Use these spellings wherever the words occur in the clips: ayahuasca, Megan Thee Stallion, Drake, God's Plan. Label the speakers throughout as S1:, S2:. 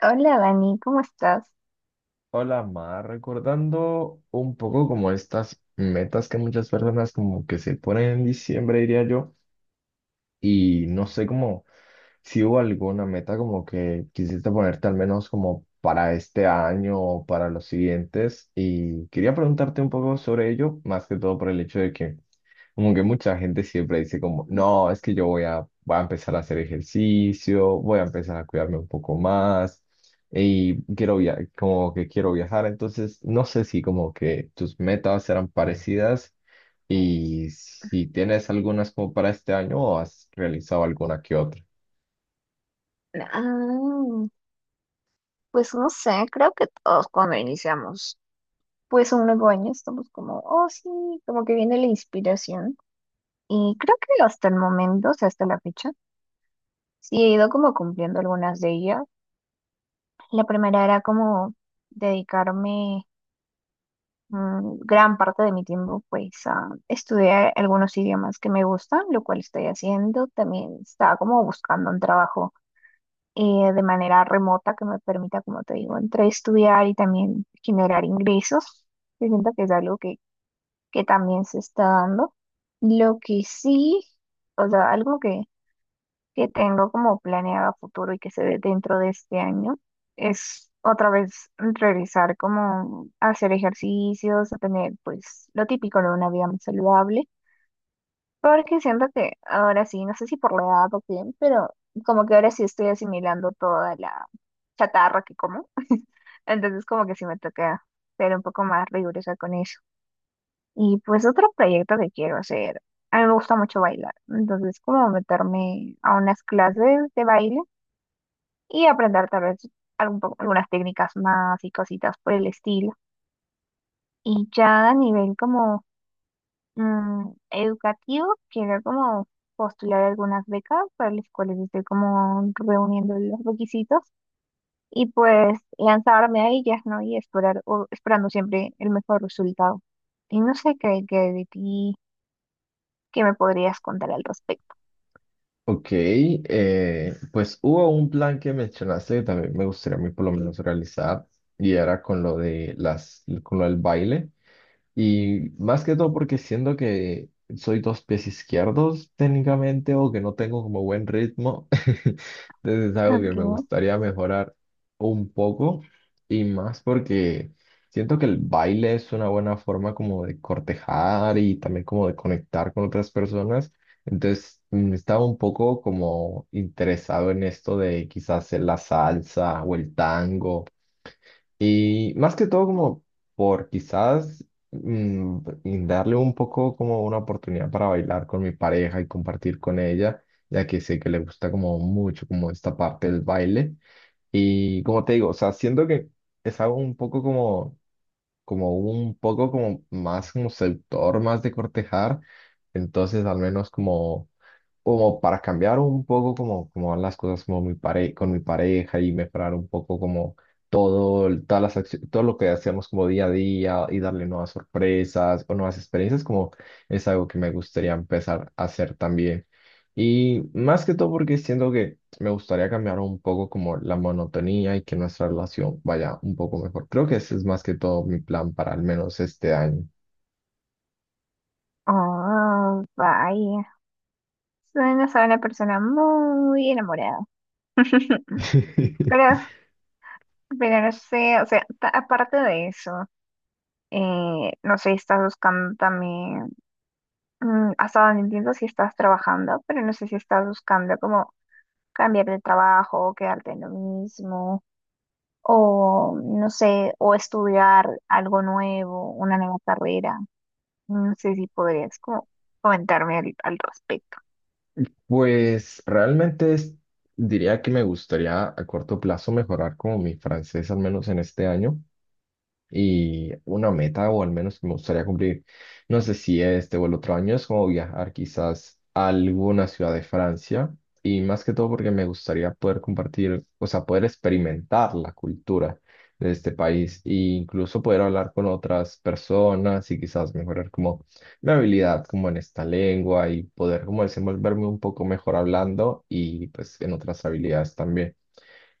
S1: Hola Dani, ¿cómo estás?
S2: Hola, Mar, recordando un poco como estas metas que muchas personas como que se ponen en diciembre, diría yo, y no sé cómo, si hubo alguna meta como que quisiste ponerte al menos como para este año o para los siguientes, y quería preguntarte un poco sobre ello, más que todo por el hecho de que como que mucha gente siempre dice como, no, es que yo voy a, voy a empezar a hacer ejercicio, voy a empezar a cuidarme un poco más y quiero via como que quiero viajar. Entonces, no sé si como que tus metas eran parecidas y si tienes algunas como para este año o has realizado alguna que otra.
S1: Ah, pues no sé, creo que todos cuando iniciamos pues un nuevo año estamos como, oh sí, como que viene la inspiración. Y creo que hasta el momento, o sea, hasta la fecha, sí he ido como cumpliendo algunas de ellas. La primera era como dedicarme gran parte de mi tiempo pues a estudiar algunos idiomas que me gustan, lo cual estoy haciendo. También estaba como buscando un trabajo de manera remota que me permita, como te digo, entre estudiar y también generar ingresos. Yo siento que es algo que también se está dando. Lo que sí, o sea, algo que tengo como planeado a futuro y que se ve dentro de este año es otra vez realizar como a hacer ejercicios, a tener pues lo típico de una vida más saludable porque siento que ahora sí, no sé si por la edad o qué, pero como que ahora sí estoy asimilando toda la chatarra que como. Entonces como que sí me toca ser un poco más rigurosa con eso. Y pues otro proyecto que quiero hacer, a mí me gusta mucho bailar. Entonces como meterme a unas clases de baile y aprender tal vez algunas técnicas más y cositas por el estilo. Y ya a nivel como educativo, quiero como postular algunas becas para las cuales estoy como reuniendo los requisitos y pues lanzarme a ellas, ¿no? Y esperar, o esperando siempre el mejor resultado. Y no sé qué, qué de ti, qué me podrías contar al respecto.
S2: Ok, pues hubo un plan que mencionaste que también me gustaría a mí por lo menos realizar y era con lo de las, con lo del baile. Y más que todo porque siento que soy dos pies izquierdos técnicamente o que no tengo como buen ritmo. Entonces es algo que
S1: Ok.
S2: me gustaría mejorar un poco y más porque siento que el baile es una buena forma como de cortejar y también como de conectar con otras personas. Entonces estaba un poco como interesado en esto de quizás hacer la salsa o el tango y más que todo como por quizás, y darle un poco como una oportunidad para bailar con mi pareja y compartir con ella, ya que sé que le gusta como mucho como esta parte del baile. Y como te digo, o sea, siento que es algo un poco como, como un poco como más como seductor, más de cortejar. Entonces al menos como como para cambiar un poco como, como van las cosas como mi pare con mi pareja y mejorar un poco como todo, todas todo lo que hacemos como día a día y darle nuevas sorpresas o nuevas experiencias, como es algo que me gustaría empezar a hacer también. Y más que todo porque siento que me gustaría cambiar un poco como la monotonía y que nuestra relación vaya un poco mejor. Creo que ese es más que todo mi plan para al menos este año.
S1: Oh, vaya. Suenas a una persona muy enamorada. Pero, pero no sé, o sea, aparte de eso, no sé, estás buscando también. Mm, hasta donde entiendo si estás trabajando, pero no sé si estás buscando como cambiar de trabajo, quedarte en lo mismo, o no sé, o estudiar algo nuevo, una nueva carrera. No sé si podrías como comentarme al, al respecto.
S2: Pues realmente diría que me gustaría a corto plazo mejorar como mi francés, al menos en este año, y una meta, o al menos que me gustaría cumplir, no sé si este o el otro año, es como viajar quizás a alguna ciudad de Francia, y más que todo porque me gustaría poder compartir, o sea, poder experimentar la cultura de este país e incluso poder hablar con otras personas y quizás mejorar como mi habilidad como en esta lengua y poder como desenvolverme un poco mejor hablando y pues en otras habilidades también.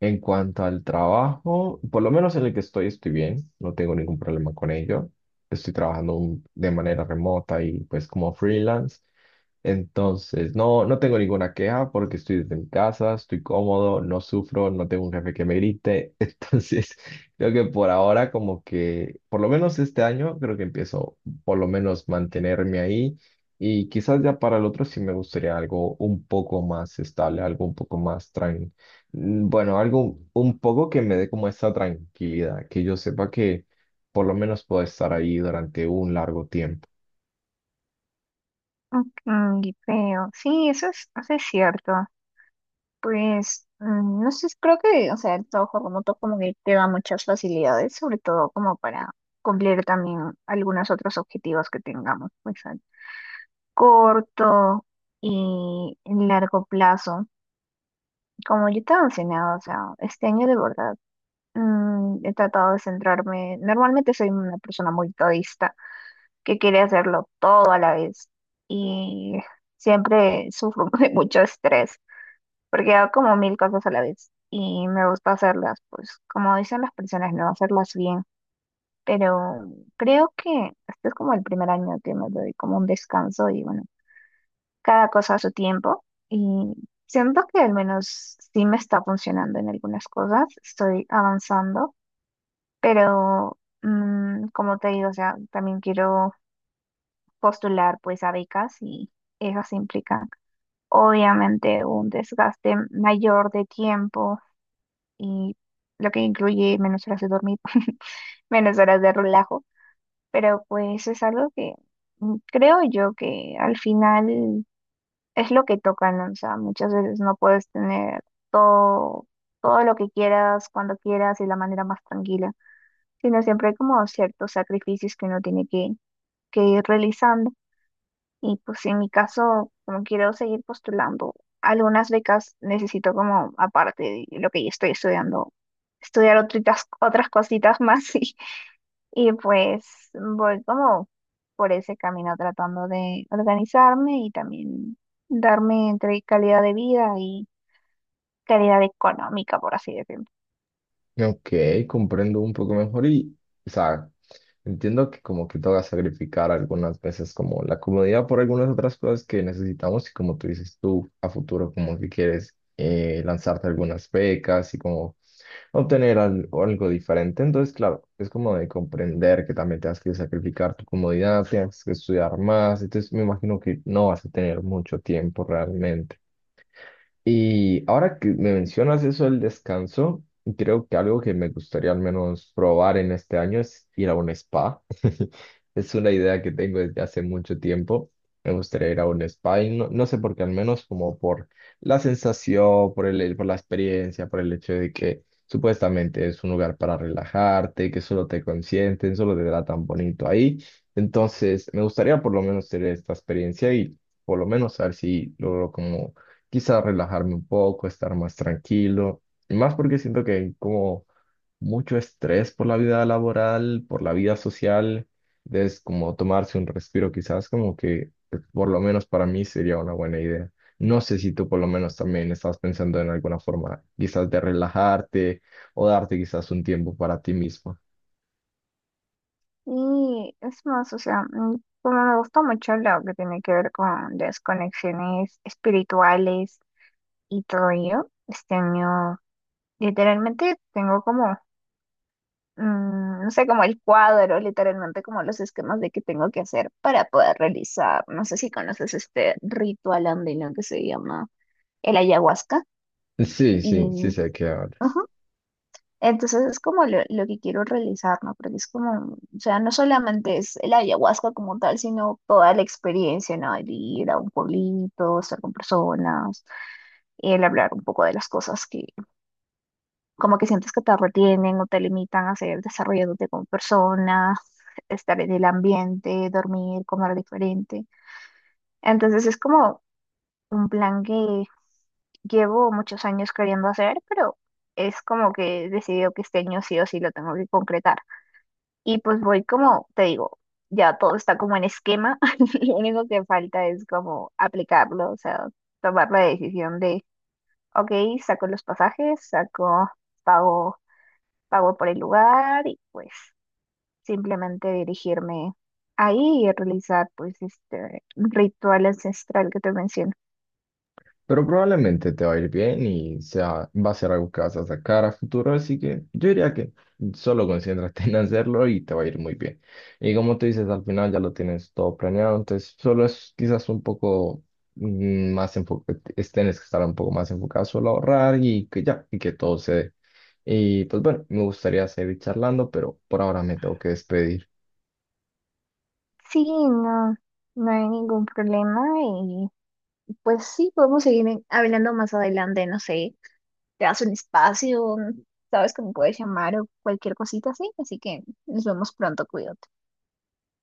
S2: En cuanto al trabajo, por lo menos en el que estoy, estoy bien, no tengo ningún problema con ello. Estoy trabajando de manera remota y pues como freelance. Entonces, no, no tengo ninguna queja porque estoy desde mi casa, estoy cómodo, no sufro, no tengo un jefe que me grite. Entonces, creo que por ahora como que, por lo menos este año, creo que empiezo por lo menos mantenerme ahí y quizás ya para el otro sí me gustaría algo un poco más estable, algo un poco más tranquilo. Bueno, algo un poco que me dé como esa tranquilidad, que yo sepa que por lo menos puedo estar ahí durante un largo tiempo.
S1: Mm, y creo, sí, eso es cierto. Pues, no sé, creo que, o sea, el trabajo remoto como que te da muchas facilidades, sobre todo como para cumplir también algunos otros objetivos que tengamos. Pues, corto y largo plazo. Como yo te he mencionado, o sea, este año de verdad he tratado de centrarme. Normalmente soy una persona muy todista que quiere hacerlo todo a la vez y siempre sufro de mucho estrés porque hago como mil cosas a la vez y me gusta hacerlas, pues como dicen las personas, no hacerlas bien. Pero creo que este es como el primer año que me doy como un descanso y bueno. Cada cosa a su tiempo y siento que al menos sí me está funcionando en algunas cosas, estoy avanzando, pero como te digo, o sea, también quiero postular pues a becas y esas implican obviamente un desgaste mayor de tiempo y lo que incluye menos horas de dormir, menos horas de relajo, pero pues es algo que creo yo que al final es lo que tocan, ¿no? O sea, muchas veces no puedes tener todo, todo lo que quieras, cuando quieras y de la manera más tranquila, sino siempre hay como ciertos sacrificios que uno tiene que ir realizando. Y pues en mi caso, como quiero seguir postulando, algunas becas necesito como, aparte de lo que ya estoy estudiando, estudiar otras, otras cositas más. Y pues voy como por ese camino tratando de organizarme y también darme entre calidad de vida y calidad económica, por así decirlo.
S2: Ok, comprendo un poco mejor y, o sea, entiendo que como que toca sacrificar algunas veces como la comodidad por algunas otras cosas que necesitamos, y como tú dices tú, a futuro como que quieres, lanzarte algunas becas y como obtener algo diferente. Entonces, claro, es como de comprender que también tienes que sacrificar tu comodidad, tienes que estudiar más. Entonces, me imagino que no vas a tener mucho tiempo realmente. Y ahora que me mencionas eso del descanso, creo que algo que me gustaría al menos probar en este año es ir a un spa. Es una idea que tengo desde hace mucho tiempo. Me gustaría ir a un spa y no, no sé por qué, al menos como por la sensación, por el, por la experiencia, por el hecho de que supuestamente es un lugar para relajarte, que solo te consienten, solo te tratan bonito ahí. Entonces, me gustaría por lo menos tener esta experiencia y por lo menos saber si logro como quizá relajarme un poco, estar más tranquilo, y más porque siento que hay como mucho estrés por la vida laboral, por la vida social, es como tomarse un respiro quizás, como que por lo menos para mí sería una buena idea. No sé si tú por lo menos también estás pensando en alguna forma quizás de relajarte o darte quizás un tiempo para ti mismo.
S1: Y es más, o sea, como me gusta mucho lo que tiene que ver con las conexiones espirituales y todo ello, este año literalmente tengo como no sé, como el cuadro, literalmente como los esquemas de qué tengo que hacer para poder realizar. No sé si conoces este ritual andino que se llama el ayahuasca.
S2: Sí, sí, sí
S1: Y,
S2: sé de qué hablas.
S1: ujú, entonces es como lo que quiero realizar, ¿no? Porque es como, o sea, no solamente es el ayahuasca como tal, sino toda la experiencia, ¿no? El ir a un pueblito, estar con personas, y el hablar un poco de las cosas como que sientes que te retienen o te limitan a seguir desarrollándote como persona, estar en el ambiente, dormir, comer diferente. Entonces es como un plan que llevo muchos años queriendo hacer, pero es como que he decidido que este año sí o sí lo tengo que concretar. Y pues voy como, te digo, ya todo está como en esquema, lo único que falta es como aplicarlo, o sea, tomar la decisión de, ok, saco los pasajes, saco, pago pago por el lugar y pues simplemente dirigirme ahí y realizar pues este ritual ancestral que te menciono.
S2: Pero probablemente te va a ir bien y sea, va a ser algo que vas a sacar a futuro, así que yo diría que solo concéntrate en hacerlo y te va a ir muy bien. Y como tú dices, al final ya lo tienes todo planeado, entonces solo es quizás un poco más enfocado, tienes que estar un poco más enfocado solo a ahorrar y que ya, y que todo se dé. Y pues bueno, me gustaría seguir charlando, pero por ahora me tengo que despedir.
S1: Sí, no, no hay ningún problema y pues sí, podemos seguir hablando más adelante, no sé, te das un espacio, sabes que me puedes llamar o cualquier cosita así, así que nos vemos pronto, cuídate.